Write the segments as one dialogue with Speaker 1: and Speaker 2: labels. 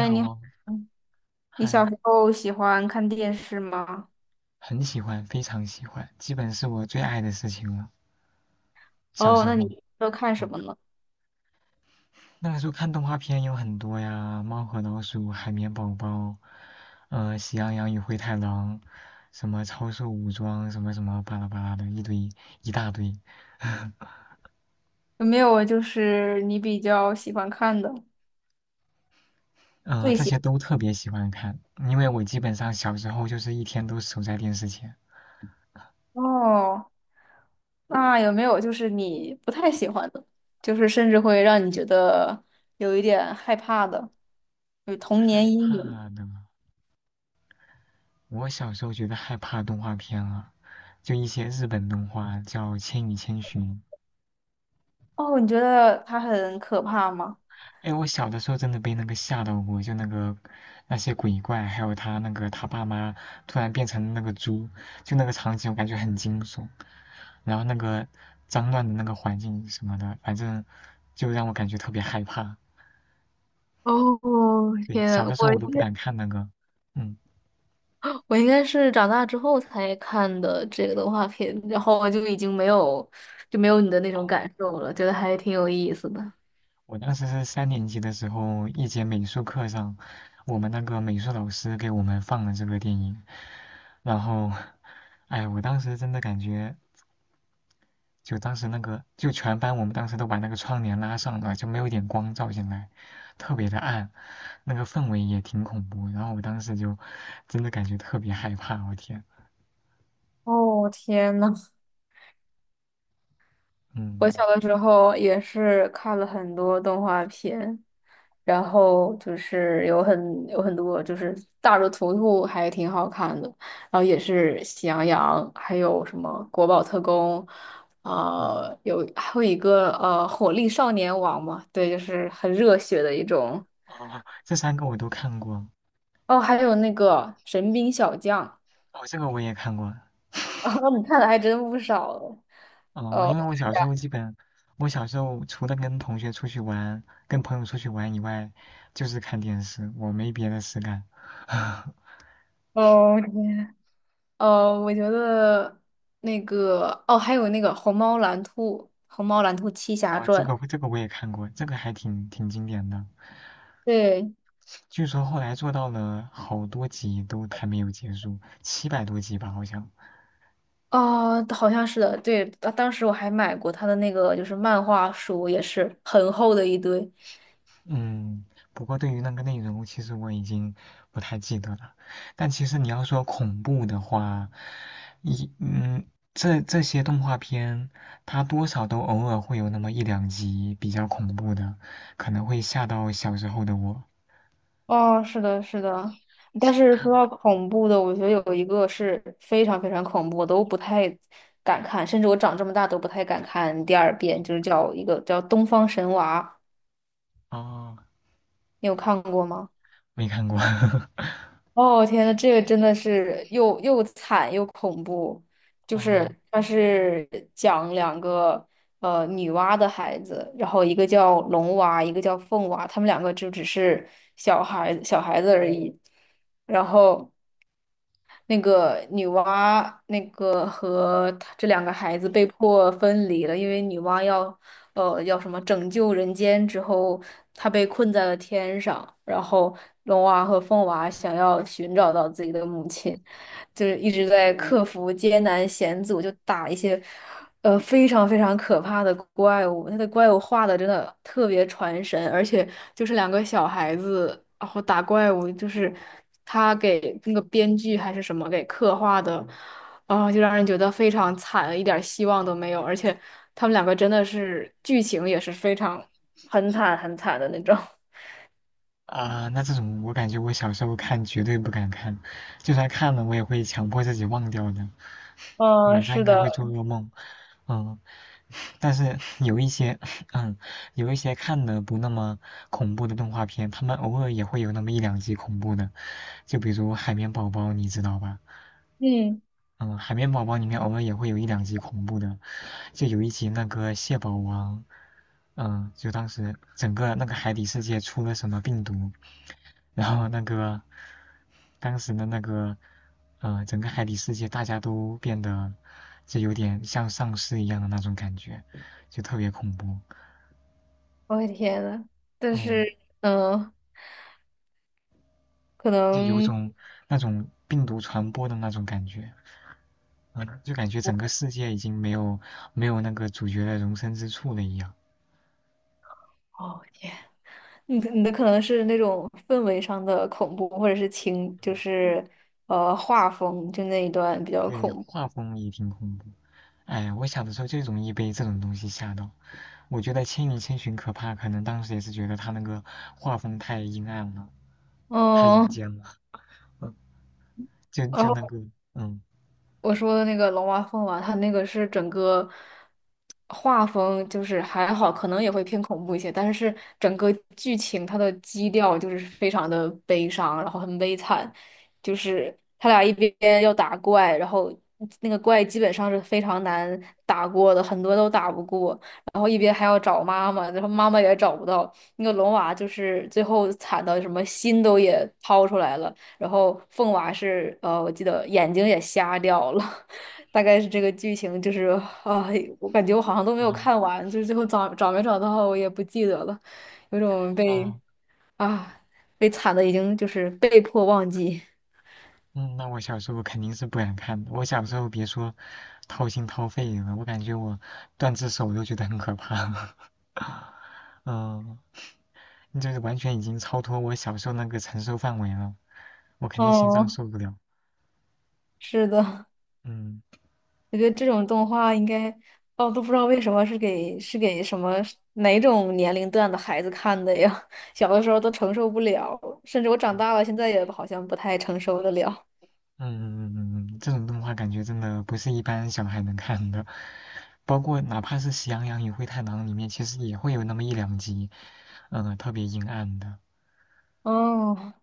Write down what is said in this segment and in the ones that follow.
Speaker 1: 你好
Speaker 2: 你好，
Speaker 1: 哦，
Speaker 2: 你小
Speaker 1: 嗨，
Speaker 2: 时候喜欢看电视吗？
Speaker 1: 很喜欢，非常喜欢，基本是我最爱的事情了。小
Speaker 2: 哦，
Speaker 1: 时
Speaker 2: 那
Speaker 1: 候，
Speaker 2: 你都看什
Speaker 1: 嗯，
Speaker 2: 么呢？
Speaker 1: 那个时候看动画片有很多呀，《猫和老鼠》《海绵宝宝》，《喜羊羊与灰太狼》，什么《超兽武装》，什么什么巴拉巴拉的一堆一大堆，
Speaker 2: 有没有就是你比较喜欢看的，最
Speaker 1: 这些
Speaker 2: 喜欢
Speaker 1: 都特别喜欢看，因为我基本上小时候就是一天都守在电视前。
Speaker 2: 的？哦，那有没有就是你不太喜欢的，就是甚至会让你觉得有一点害怕的，有童
Speaker 1: 害
Speaker 2: 年阴影？
Speaker 1: 怕的，我小时候觉得害怕动画片啊。就一些日本动画叫《千与千寻》。
Speaker 2: 哦，你觉得它很可怕吗？
Speaker 1: 哎，我小的时候真的被那个吓到过，就那个那些鬼怪，还有他那个他爸妈突然变成那个猪，就那个场景我感觉很惊悚。然后那个脏乱的那个环境什么的，反正就让我感觉特别害怕。
Speaker 2: 哦，
Speaker 1: 对，
Speaker 2: 天
Speaker 1: 小
Speaker 2: 啊，
Speaker 1: 的时
Speaker 2: 我
Speaker 1: 候我都不敢看那个，嗯。
Speaker 2: 我应该是长大之后才看的这个动画片，然后我就已经没有你的那种感受了，觉得还挺有意思的。
Speaker 1: 我当时是三年级的时候，一节美术课上，我们那个美术老师给我们放了这个电影，然后，哎，我当时真的感觉，就当时那个，就全班我们当时都把那个窗帘拉上了，就没有一点光照进来，特别的暗，那个氛围也挺恐怖，然后我当时就真的感觉特别害怕，我天，
Speaker 2: 哦，天呐，我
Speaker 1: 嗯，
Speaker 2: 小的时候也是看了很多动画片，然后就是有很多就是大热图图还挺好看的，然后也是喜羊羊，还有什么国宝特工，
Speaker 1: 嗯，
Speaker 2: 啊，有还有一个火力少年王嘛，对，就是很热血的一种。
Speaker 1: 哦，这三个我都看过，
Speaker 2: 哦，还有那个《神兵小将》。
Speaker 1: 哦，这个我也看过，
Speaker 2: 哦，你看的还真不少哦。
Speaker 1: 哦，因为我小时候基本，我小时候除了跟同学出去玩、跟朋友出去玩以外，就是看电视，我没别的事干。
Speaker 2: 哦，哦，天，我觉得那个，哦，还有那个《虹猫蓝兔》《虹猫蓝兔七侠
Speaker 1: 哦，这
Speaker 2: 传》。
Speaker 1: 个这个我也看过，这个还挺经典的。
Speaker 2: 对，
Speaker 1: 据说后来做到了好多集都还没有结束，700多集吧，好像。
Speaker 2: 哦，好像是的，对，当时我还买过他的那个就是漫画书，也是很厚的一堆。
Speaker 1: 嗯，不过对于那个内容，其实我已经不太记得了。但其实你要说恐怖的话，一嗯，这些动画片，它多少都偶尔会有那么一两集比较恐怖的，可能会吓到小时候的我。
Speaker 2: 哦，是的，是的，但是说到恐怖的，我觉得有一个是非常非常恐怖，我都不太敢看，甚至我长这么大都不太敢看第二遍，就是叫一个叫《东方神娃》，
Speaker 1: 哦，
Speaker 2: 你有看过吗？
Speaker 1: 没看过。
Speaker 2: 哦，天呐，这个真的是又惨又恐怖，就是
Speaker 1: 哦，
Speaker 2: 它是讲两个女娲的孩子，然后一个叫龙娃，一个叫凤娃，他们两个就只是小孩子而已。然后那个女娲那个和她这两个孩子被迫分离了，因为女娲要叫什么拯救人间之后，他被困在了天上，然后龙娃和凤娃想要寻找到自己的母亲，就是一直在克服艰难险阻，就打一些非常非常可怕的怪物。他的怪物画的真的特别传神，而且就是两个小孩子，然后打怪物，就是他给那个编剧还是什么给刻画的，就让人觉得非常惨，一点儿希望都没有，而且他们两个真的是剧情也是非常很惨的那种。
Speaker 1: 啊，那这种我感觉我小时候看绝对不敢看，就算看了我也会强迫自己忘掉的，
Speaker 2: 嗯，
Speaker 1: 晚上应
Speaker 2: 是
Speaker 1: 该会做
Speaker 2: 的，
Speaker 1: 噩梦。嗯，但是有一些，嗯，有一些看的不那么恐怖的动画片，他们偶尔也会有那么一两集恐怖的，就比如《海绵宝宝》，你知道吧？
Speaker 2: 嗯，
Speaker 1: 嗯，《海绵宝宝》里面偶尔也会有一两集恐怖的，就有一集那个蟹堡王，就当时整个那个海底世界出了什么病毒。然后那个当时的那个整个海底世界大家都变得就有点像丧尸一样的那种感觉，就特别恐怖，
Speaker 2: 我的天呐，但
Speaker 1: 嗯，
Speaker 2: 是嗯，可
Speaker 1: 就有
Speaker 2: 能
Speaker 1: 种那种病毒传播的那种感觉，嗯，就感觉整个世界已经没有那个主角的容身之处了一样。
Speaker 2: 哦，你的可能是那种氛围上的恐怖，或者是情，就是画风，就那一段比较
Speaker 1: 对，
Speaker 2: 恐怖。
Speaker 1: 画风也挺恐怖。哎，我小的时候就容易被这种东西吓到。我觉得《千与千寻》可怕，可能当时也是觉得它那个画风太阴暗了。太阴
Speaker 2: 嗯。
Speaker 1: 间了，嗯，就那个，嗯，
Speaker 2: 我说的那个龙娃凤娃，他那个是整个画风就是还好，可能也会偏恐怖一些，但是整个剧情它的基调就是非常的悲伤，然后很悲惨，就是他俩一边要打怪，然后那个怪基本上是非常难打过的，很多都打不过，然后一边还要找妈妈，然后妈妈也找不到，那个龙娃就是最后惨到什么心都也掏出来了。然后凤娃是我记得眼睛也瞎掉了，大概是这个剧情，就是啊、我感觉我好像都没有
Speaker 1: 哦
Speaker 2: 看完，就是最后找没找到我也不记得了，有种被
Speaker 1: 哦，
Speaker 2: 啊被惨的已经就是被迫忘记。
Speaker 1: 嗯，那我小时候肯定是不敢看的。我小时候别说掏心掏肺了，我感觉我断只手都觉得很可怕。嗯，就是完全已经超脱我小时候那个承受范围了，我肯定心脏
Speaker 2: 哦，
Speaker 1: 受不了。
Speaker 2: 是的，
Speaker 1: 嗯
Speaker 2: 我觉得这种动画应该，哦，都不知道为什么是给什么哪种年龄段的孩子看的呀？小的时候都承受不了，甚至我长大
Speaker 1: 嗯
Speaker 2: 了现在也好像不太承受得了。
Speaker 1: 嗯这种动画感觉真的不是一般小孩能看的，包括哪怕是《喜羊羊与灰太狼》里面，其实也会有那么一两集，特别阴暗的。
Speaker 2: 哦。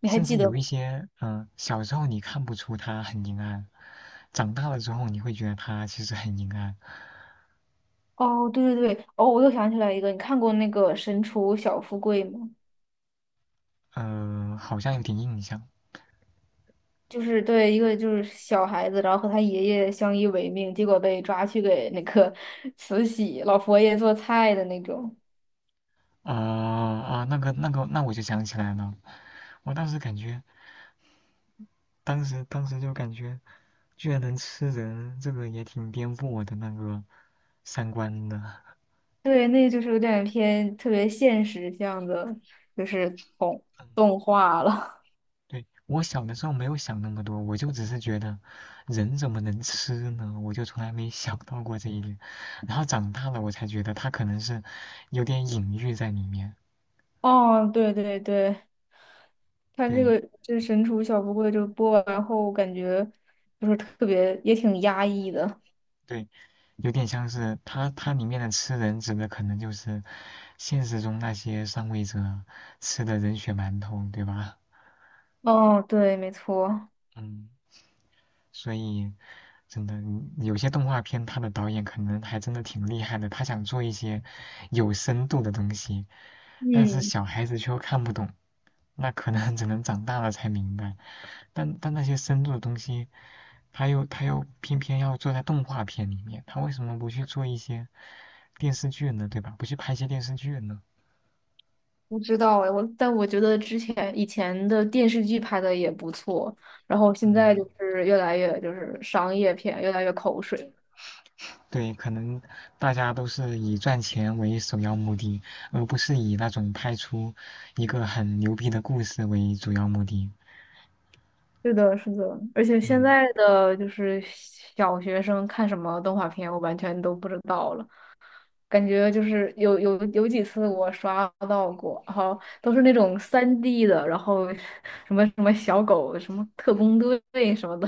Speaker 2: 你还
Speaker 1: 甚
Speaker 2: 记
Speaker 1: 至
Speaker 2: 得
Speaker 1: 有
Speaker 2: 吗？
Speaker 1: 一些，小时候你看不出它很阴暗，长大了之后你会觉得它其实很阴暗，
Speaker 2: 哦，对对对，哦，我又想起来一个，你看过那个《神厨小富贵》吗？
Speaker 1: 好像有点印象。
Speaker 2: 就是对一个就是小孩子，然后和他爷爷相依为命，结果被抓去给那个 慈禧老佛爷做菜的那种。
Speaker 1: 啊、啊，那我就想起来了，我当时感觉，当时就感觉，居然能吃人，这个也挺颠覆我的那个三观的。
Speaker 2: 对，那就是有点偏特别现实向的，就是动动画了。
Speaker 1: 对，我小的时候没有想那么多，我就只是觉得人怎么能吃呢？我就从来没想到过这一点。然后长大了，我才觉得它可能是有点隐喻在里面。
Speaker 2: 哦，对对对，看这
Speaker 1: 对
Speaker 2: 个这《神厨小富贵》就播完后，感觉就是特别也挺压抑的。
Speaker 1: 对，有点像是它里面的吃人指的可能就是现实中那些上位者吃的人血馒头，对吧？
Speaker 2: 哦，对，没错。
Speaker 1: 嗯，所以真的有些动画片，它的导演可能还真的挺厉害的，他想做一些有深度的东西。但是
Speaker 2: 嗯，
Speaker 1: 小孩子却又看不懂，那可能只能长大了才明白。但那些深度的东西，他又偏偏要做在动画片里面，他为什么不去做一些电视剧呢？对吧？不去拍一些电视剧呢？
Speaker 2: 不知道哎，我觉得之前以前的电视剧拍的也不错，然后现在
Speaker 1: 嗯，
Speaker 2: 就是商业片，越来越口水。
Speaker 1: 对，可能大家都是以赚钱为首要目的，而不是以那种拍出一个很牛逼的故事为主要目的。
Speaker 2: 是的，是的，而且现
Speaker 1: 嗯。
Speaker 2: 在的就是小学生看什么动画片，我完全都不知道了。感觉就是有几次我刷到过，然后都是那种三 d 的，然后什么什么小狗、什么特工队什么的，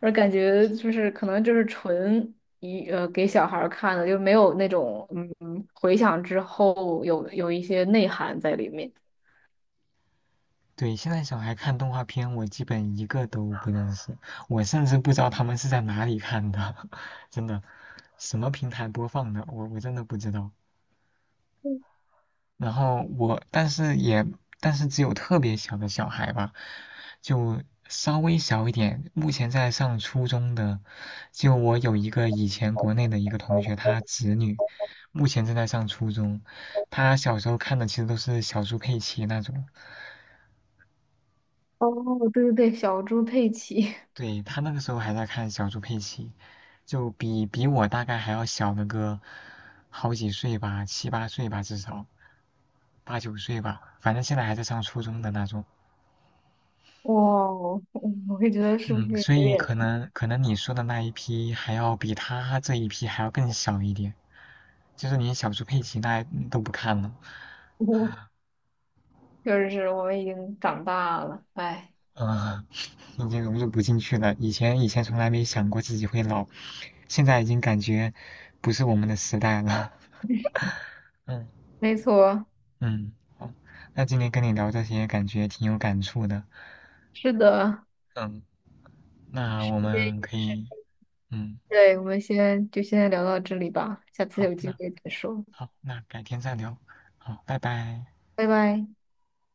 Speaker 2: 而感觉就是可能就是纯给小孩儿看的，就没有那种回想之后有一些内涵在里面。
Speaker 1: 对，现在小孩看动画片，我基本一个都不认识，我甚至不知道他们是在哪里看的，真的，什么平台播放的，我真的不知道。然后我，但是只有特别小的小孩吧，就稍微小一点，目前在上初中的，就我有一个以前国内的一个同学，他侄女，目前正在上初中，他小时候看的其实都是小猪佩奇那种。
Speaker 2: 哦，对对对，小猪佩奇。
Speaker 1: 对，他那个时候还在看小猪佩奇，就比我大概还要小那个好几岁吧，七八岁吧，至少八九岁吧，反正现在还在上初中的那种。
Speaker 2: 哇哦，我会觉得是不
Speaker 1: 嗯，
Speaker 2: 是
Speaker 1: 所
Speaker 2: 有
Speaker 1: 以可
Speaker 2: 点，
Speaker 1: 能可能你说的那一批还要比他这一批还要更小一点，就是连小猪佩奇那都不看了，
Speaker 2: 就是我们已经长大了，哎，
Speaker 1: 嗯、已经融入不进去了。以前从来没想过自己会老，现在已经感觉不是我们的时代了。嗯。
Speaker 2: 没错，
Speaker 1: 嗯，好，那今天跟你聊这些，感觉挺有感触的。
Speaker 2: 是的。
Speaker 1: 嗯，那我们可以，嗯，
Speaker 2: 对，我们先聊到这里吧，下次
Speaker 1: 好，
Speaker 2: 有机
Speaker 1: 那
Speaker 2: 会再说，
Speaker 1: 好，那改天再聊。好，拜拜。
Speaker 2: 拜拜。